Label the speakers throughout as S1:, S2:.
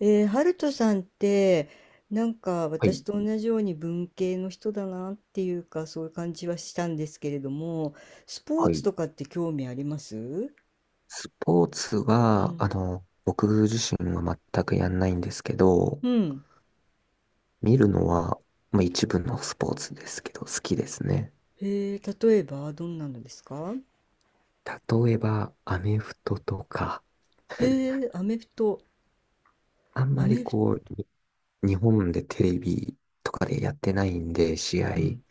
S1: ハルトさんってなんか
S2: は
S1: 私
S2: い、
S1: と同じように文系の人だなっていうか、そういう感じはしたんですけれども、スポー
S2: は
S1: ツ
S2: い。
S1: とかって興味あります？
S2: スポーツ
S1: う
S2: は、
S1: ん。
S2: 僕自身は全くやんないんですけど、
S1: うん。
S2: 見るのは、まあ一部のスポーツですけど、好きですね。
S1: へえ、例えばどんなのですか？
S2: 例えば、アメフトとか、
S1: へえ、アメフト。
S2: あん
S1: ア
S2: まり
S1: メフ、
S2: こう、に日本でテレビとかでやってないんで、試合、
S1: うん。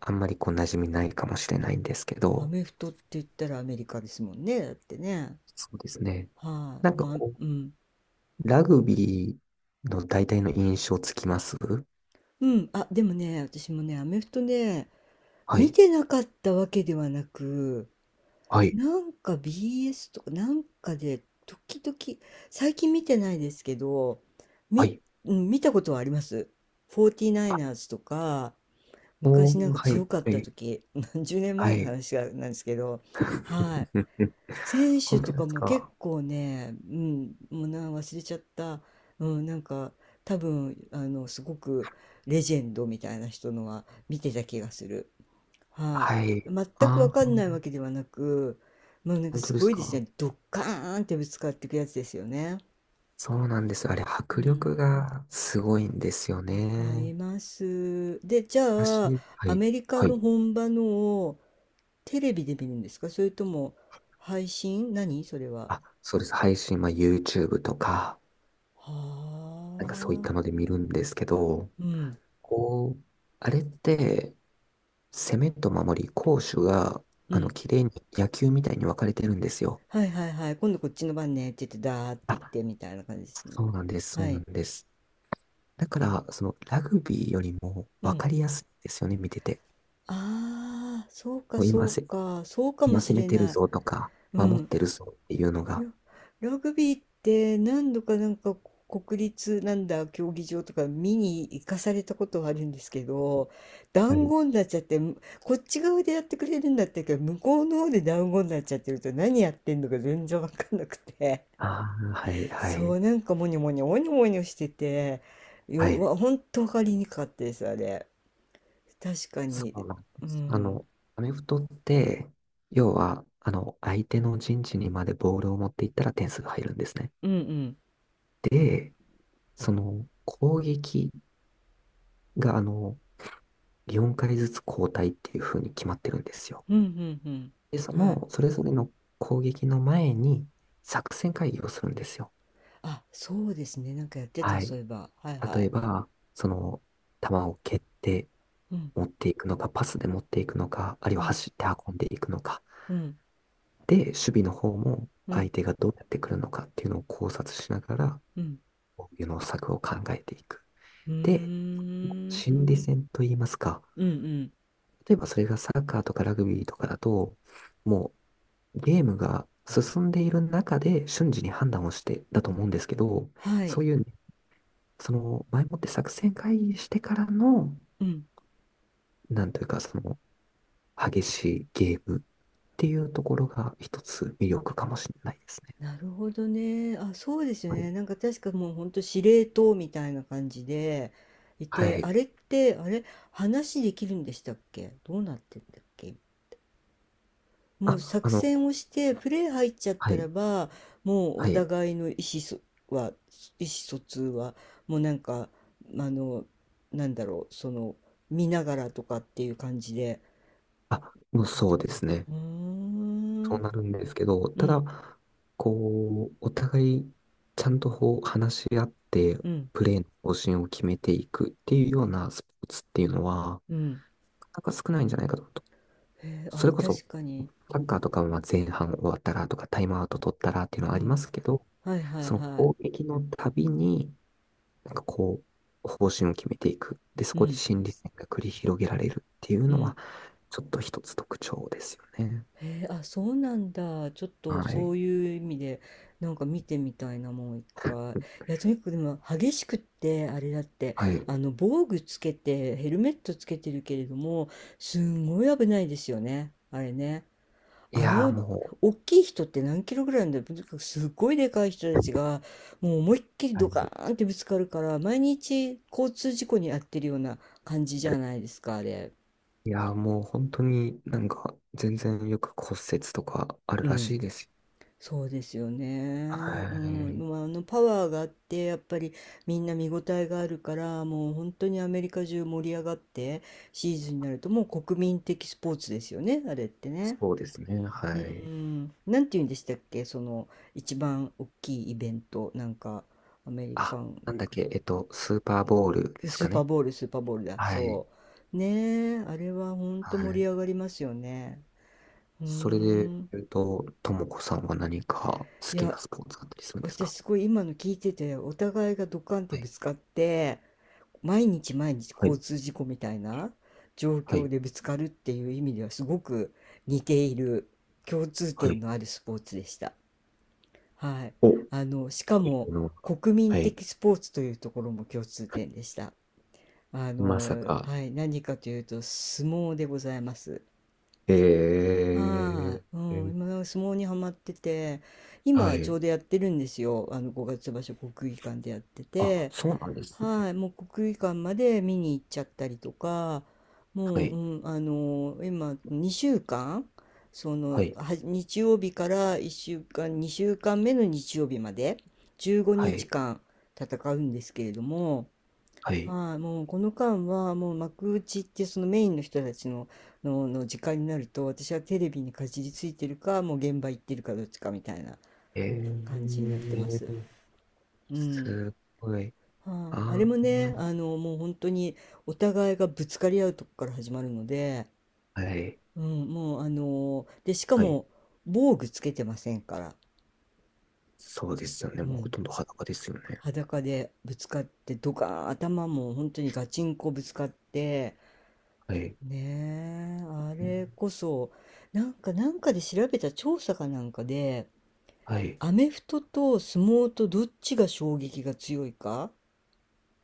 S2: あんまり馴染みないかもしれないんですけ
S1: ア
S2: ど、
S1: メフトって言ったらアメリカですもんね。だってね。
S2: そうですね。
S1: はい、
S2: なんか
S1: まあ、
S2: こ
S1: うん。
S2: ラグビーの大体の印象つきます。
S1: うん。あ、でもね、私もね、アメフトね、
S2: は
S1: 見
S2: い、
S1: てなかったわけではなく、
S2: はい、
S1: なんか BS とかなんかで時々、最近見てないですけど、
S2: は
S1: み、
S2: い。
S1: うん、見たことはあります。
S2: あ、
S1: 49ers とか
S2: お
S1: 昔なん
S2: ー、
S1: か
S2: は
S1: 強
S2: い、
S1: かっ
S2: は
S1: た
S2: い。
S1: 時、何 十年
S2: は
S1: 前の
S2: い。
S1: 話がなんですけど、はい、選手
S2: 本当
S1: と
S2: で
S1: か
S2: す
S1: も結
S2: か。
S1: 構ね、うん、もう忘れちゃった、うん、なんか多分あのすごくレジェンドみたいな人のは見てた気がする。は
S2: は
S1: い。
S2: い。
S1: 全く
S2: あ
S1: わかんないわ
S2: あ、
S1: けではなく、もうなんか
S2: 本当
S1: す
S2: で
S1: ご
S2: す
S1: いです
S2: か。
S1: ね。ドッカーンってぶつかっていくやつですよね。
S2: そうなんです。あれ、
S1: う
S2: 迫
S1: ん。
S2: 力がすごいんですよ
S1: わかり
S2: ね。
S1: ます。で、じゃあ、
S2: 私、は
S1: ア
S2: い。
S1: メリカ
S2: は
S1: の
S2: い。
S1: 本場のをテレビで見るんですか？それとも配信？何それは？
S2: あ、そうです。配信は YouTube とか、
S1: は
S2: なんかそういったの
S1: あ。
S2: で見るんですけど、
S1: うん。
S2: こう、あれって、攻めと守り、攻守が、
S1: う
S2: あの、
S1: ん。
S2: 綺麗に野球みたいに分かれてるんですよ。
S1: はいはいはい。今度こっちの番ねって言って、ダーって言っ
S2: あ、
S1: てみたいな感じですね。
S2: そうなんです。そ
S1: は
S2: うなん
S1: い。
S2: です。だから、ラグビーよりも
S1: う
S2: 分
S1: ん。
S2: かりやすいんですよね、見てて。
S1: ああ、そうか
S2: もう
S1: そ
S2: 今
S1: う
S2: せ、
S1: か。そうかも
S2: 今
S1: し
S2: 攻め
S1: れ
S2: てる
S1: ない。
S2: ぞとか、
S1: う
S2: 守っ
S1: ん、
S2: てるぞっていうの
S1: い
S2: が、
S1: や、ラグビーって何度かなんか国立なんだ競技場とか見に行かされたことはあるんですけど、
S2: は
S1: 団
S2: い。
S1: 子になっちゃって、こっち側でやってくれるんだったけど、向こうの方で団子になっちゃってると何やってんのか全然わかんなくて、
S2: ああ、はい、は
S1: そ
S2: い、
S1: う、なんかモニョモニョ、モニョモニョしてて、
S2: はい。
S1: ほんとわかりにくかったです、あれ。確か
S2: そ
S1: に。
S2: うなんで
S1: う
S2: す。あ
S1: ん。
S2: の、アメフトって、要は、あの、相手の陣地にまでボールを持っていったら点数が入るんですね。
S1: うんうん。
S2: で、攻撃が、あの、4回ずつ交代っていう風に決まってるんですよ。
S1: うんうんうん。
S2: で、
S1: はい。
S2: それぞれの攻撃の前に、作戦会議をするんですよ。
S1: あ、そうですね。なんかやってた、
S2: は
S1: そ
S2: い。
S1: ういえば。はいは
S2: 例え
S1: い。
S2: ば、その、球を蹴って
S1: うん
S2: 持っていくのか、パスで持っていくのか、あるい
S1: う
S2: は
S1: ん、
S2: 走って運んでいくのか。
S1: うん、
S2: で、守備の方も
S1: う
S2: 相
S1: ん、
S2: 手がどうやってくるのかっていうのを考察しながら、
S1: うん。
S2: 防御の策を考えていく。
S1: うー
S2: で、
S1: ん。
S2: 心理戦といいますか、
S1: うんうん。
S2: 例えばそれがサッカーとかラグビーとかだと、もうゲームが進んでいる中で瞬時に判断をしてだと思うんですけど、
S1: はい。
S2: そういうね、その前もって作戦会議してからの、
S1: うん。
S2: なんというか、激しいゲームっていうところが一つ魅力かもしれないですね。
S1: なるほどね。あ、そうですよ
S2: はい。
S1: ね。なんか確かもうほんと司令塔みたいな感じでい
S2: は
S1: て、あ
S2: い。
S1: れって、あれ、話できるんでしたっけ？どうなってんだっけ？もう
S2: あ、あ
S1: 作
S2: の、
S1: 戦をして、プレー入っちゃっ
S2: は
S1: たら
S2: い。
S1: ば、もうお
S2: はい。
S1: 互いのは、意思疎通は、もうなんか、あの、なんだろう、その、見ながらとかっていう感じで
S2: あ、もう
S1: やって
S2: そう
S1: くれるんで
S2: で
S1: すか？
S2: すね。
S1: うー
S2: そ
S1: ん。
S2: うなるんですけど、
S1: う
S2: た
S1: ん、
S2: だ、お互いちゃんと話し合って、
S1: うん、
S2: プレーの方針を決めていくっていうようなスポーツっていうのは、
S1: うん。
S2: なかなか少ないんじゃないかと。
S1: へえ、
S2: そ
S1: あ、
S2: れこそ、
S1: 確かに。
S2: サッカーとかはまあ前半終わったらとか、タイムアウト取ったらっていうのは
S1: う
S2: ありま
S1: ん。
S2: すけど、
S1: はいはい
S2: その
S1: は
S2: 攻撃のたびに、なんかこ方針を決めていく。で、そ
S1: い。う
S2: こで
S1: ん、
S2: 心理戦が繰り広げられるっていう
S1: う
S2: の
S1: ん。
S2: は、ちょっと一つ特徴ですよね。
S1: へえ、あ、そうなんだ。ちょっと
S2: は
S1: そ
S2: い。
S1: ういう意味で、なんか見てみたいな、もう一回。いや、とにかくでも、激しくって、あれだって、
S2: はい。
S1: あの、防具つけて、ヘルメットつけてるけれども、すんごい危ないですよね。あれね。
S2: い
S1: あ
S2: やー
S1: の、
S2: も
S1: 大きい人って何キロぐらいなんだろう？とにかくすっごいでかい人たちがもう思いっきり
S2: う、は
S1: ドカ
S2: い。
S1: ーンってぶつかるから、毎日交通事故に遭ってるような感じじゃないですか、あれ。
S2: いやーもう本当になんか全然よく骨折とかある
S1: う
S2: ら
S1: ん、
S2: しいですよ。
S1: そうですよ
S2: は
S1: ね。うん、でも
S2: い。
S1: あのパワーがあってやっぱりみんな見応えがあるから、もう本当にアメリカ中盛り上がって、シーズンになるともう国民的スポーツですよね、あれってね。
S2: そうですね。
S1: う
S2: は
S1: ー
S2: い。
S1: ん、なんて言うんでしたっけ？その一番大きいイベント、なんかアメリカ
S2: あ、
S1: ン、
S2: なんだっけ、えっと、スーパーボールです
S1: ス
S2: か
S1: ーパー
S2: ね。
S1: ボール、スーパーボールだ、
S2: はい。
S1: そう。ねえ、あれは本当
S2: は
S1: 盛り
S2: い。
S1: 上がりますよね。うー
S2: それで
S1: ん、
S2: 言うと、ともこさんは何か好
S1: い
S2: き
S1: や、
S2: なスポーツあったりするんです
S1: 私
S2: か？
S1: すごい今の聞いてて、お互いがドカンって
S2: は
S1: ぶ
S2: い。
S1: つかって、毎日毎日
S2: は
S1: 交
S2: い
S1: 通事故みたいな状
S2: は
S1: 況
S2: い。
S1: でぶつかるっていう意味ではすごく似ている、共通
S2: は
S1: 点
S2: い。
S1: のあるスポーツでした。はい。
S2: お、と
S1: あの、しか
S2: い
S1: も
S2: うのは、
S1: 国民
S2: はい。
S1: 的スポーツというところも共通点でした。あ
S2: まさ
S1: の、
S2: か、
S1: はい。何かというと相撲でございます。
S2: え
S1: は
S2: ー、
S1: い。うん。今なんか相撲にはまってて、
S2: は
S1: 今ちょ
S2: い。
S1: うどやってるんですよ。あの、五月場所国技館でやって
S2: あ、
S1: て、
S2: そうなんですね。
S1: はい、もう国技館まで見に行っちゃったりとか、
S2: は
S1: もう、
S2: い。
S1: うん、あの今2週間、そ
S2: は
S1: の
S2: い。
S1: は日曜日から1週間、2週間目の日曜日まで15
S2: は
S1: 日
S2: い。
S1: 間戦うんですけれども、
S2: はい。
S1: はい、もうこの間はもう幕内ってそのメインの人たちの、の時間になると私はテレビにかじりついてるか、もう現場行ってるかどっちかみたいな
S2: え
S1: 感じになってます。
S2: ー、
S1: うん、
S2: すごい。
S1: はい、あれ
S2: あ
S1: もね、
S2: ー、
S1: あの、もう本当にお互いがぶつかり合うとこから始まるので、
S2: はい。
S1: うん、もうあの、で、しか
S2: はい。
S1: も防具つけてませんから、
S2: そうですよね。
S1: う
S2: もうほ
S1: ん、
S2: とんど裸ですよね。
S1: 裸でぶつかってドカーン、頭も本当にガチンコぶつかって、
S2: はい。
S1: ねえ、あれこそ、なんかで調べた調査かなんかで、
S2: はい。
S1: アメフトと相撲とどっちが衝撃が強いか、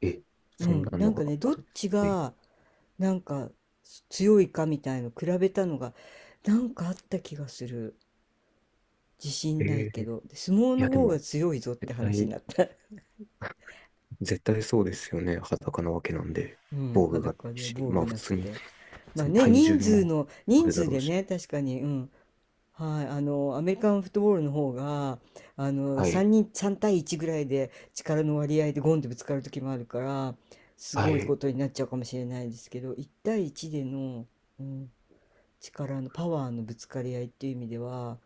S2: え、
S1: う
S2: そん
S1: ん、
S2: な
S1: な
S2: の
S1: んか
S2: が
S1: ね、
S2: あ
S1: どっ
S2: るんですか？
S1: ち
S2: はい。
S1: が、なんか強いかみたいの比べたのがなんかあった気がする、自
S2: え
S1: 信ない
S2: ー、
S1: け
S2: い
S1: ど相撲の
S2: や、で
S1: 方が
S2: も、
S1: 強いぞって
S2: 絶
S1: 話
S2: 対、
S1: になった。
S2: 絶対そうですよね。裸なわけなんで、
S1: うん、
S2: 防具がな
S1: 裸
S2: い
S1: で
S2: し、
S1: 防
S2: まあ
S1: 具
S2: 普
S1: なく
S2: 通に
S1: て、まあね、
S2: 体重もあ
S1: 人
S2: るだ
S1: 数
S2: ろ
S1: で
S2: うし。
S1: ね、確かに。うん。はい、あのアメリカンフットボールの方があの
S2: はい、
S1: 3人3対1ぐらいで力の割合でゴンってぶつかる時もあるから、す
S2: は
S1: ごいこ
S2: い、
S1: とになっちゃうかもしれないですけど、1対1での、うん、力のパワーのぶつかり合いっていう意味では、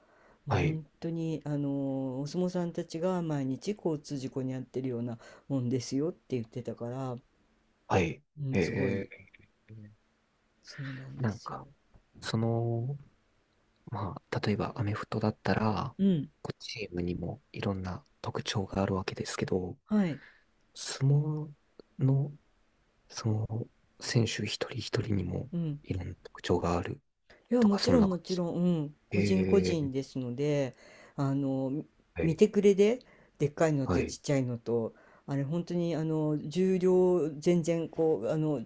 S2: はい、
S1: 本当にあのお相撲さんたちが毎日交通事故に遭ってるようなもんですよって言ってたから、う
S2: はい。
S1: ん、すご
S2: え
S1: い。
S2: ー、
S1: そうなんで
S2: なん
S1: すよ。
S2: か、その、例えばアメフトだったら、
S1: うん、
S2: こうチームにもいろんな特徴があるわけですけど、
S1: はい、
S2: 相撲の、その、選手一人一人にも
S1: うん、
S2: いろんな特徴がある
S1: いや、
S2: と
S1: も
S2: か、
S1: ち
S2: そん
S1: ろん
S2: な
S1: も
S2: 感
S1: ち
S2: じ。
S1: ろん、うん、個人個
S2: え
S1: 人
S2: ー、
S1: ですので、あの、
S2: は
S1: 見
S2: い、
S1: てくれで、でっかいの
S2: は
S1: とち
S2: い、
S1: っちゃいのと、あれ本当にあの重量全然こうあの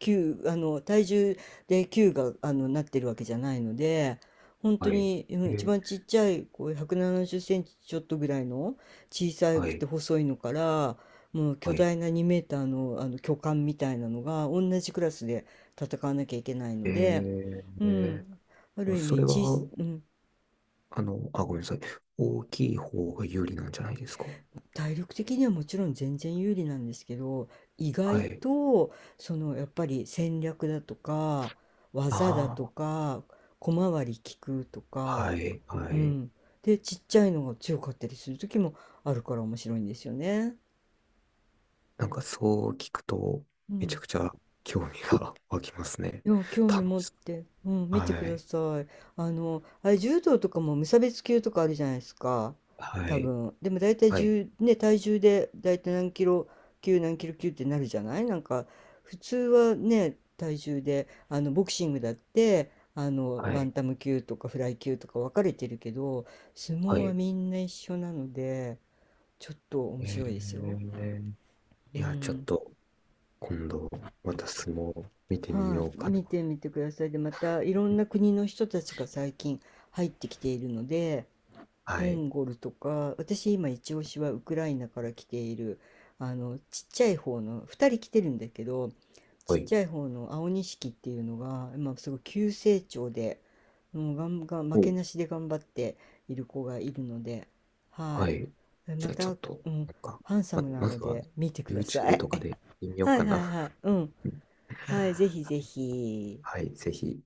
S1: 球あの体重で球があのなってるわけじゃないので、本当
S2: はい、
S1: にう
S2: え
S1: ん、一
S2: ー
S1: 番ちっちゃいこう170センチちょっとぐらいの小さ
S2: は
S1: くて
S2: い。
S1: 細いのから、もう巨
S2: はい。
S1: 大な2メーターの、あの巨漢みたいなのが同じクラスで戦わなきゃいけない
S2: え
S1: ので。う
S2: ー、
S1: ん、ある
S2: え、
S1: 意
S2: そ
S1: 味
S2: れは、
S1: 小さ、うん、
S2: あ、ごめんなさい。大きい方が有利なんじゃないですか？
S1: 体力的にはもちろん全然有利なんですけど、意
S2: は
S1: 外
S2: い。
S1: とそのやっぱり戦略だとか、技だ
S2: あ
S1: と
S2: あ、
S1: か、小回り利くとか、
S2: はい、は
S1: う
S2: い。
S1: ん、でちっちゃいのが強かったりする時もあるから面白いんですよね。
S2: なんかそう聞くと、
S1: う
S2: めちゃ
S1: ん、
S2: くちゃ興味が 湧きますね。
S1: いや、興味
S2: 楽
S1: 持っ
S2: しそ
S1: て、
S2: う。
S1: うん、見てく
S2: は
S1: だ
S2: い、
S1: さい。あの、あれ、柔道とかも無差別級とかあるじゃないですか。
S2: は
S1: 多
S2: い、
S1: 分。でも大体
S2: はい、
S1: 重、ね、体重で大体何キロ級、何キロ級ってなるじゃない、なんか、普通はね、体重で、あの、ボクシングだって、あの、
S2: は
S1: バン
S2: い、
S1: タム級とかフライ級とか分かれてるけど、相
S2: は
S1: 撲は
S2: い。
S1: みんな一緒なので、ちょっと面
S2: え
S1: 白いですよ。
S2: ー、
S1: う
S2: いや、ちょっ
S1: ん。
S2: と、今度、また相撲見てみ
S1: は
S2: よう
S1: い、
S2: かな。
S1: 見てみてください。で、またいろんな国の人たちが最近入ってきているので、
S2: は
S1: モ
S2: い、
S1: ンゴルとか、私今一押しはウクライナから来ている、あの、ちっちゃい方の、2人来てるんだけど、
S2: は
S1: ちっ
S2: い。
S1: ちゃい方の青錦っていうのが、今すごい急成長で、もうガンガン、負け
S2: お、
S1: なしで頑張っている子がいるので、は
S2: は
S1: い。
S2: い。じ
S1: ま
S2: ゃあちょ
S1: た、
S2: っと、
S1: うん、
S2: なんか、
S1: ハンサムな
S2: ま
S1: の
S2: ずは
S1: で見てくださ
S2: YouTube
S1: い。
S2: とかで見てみ よう
S1: はい
S2: か
S1: は
S2: な。
S1: いはい。うん。はい、ぜひ ぜひ。
S2: はい、ぜひ。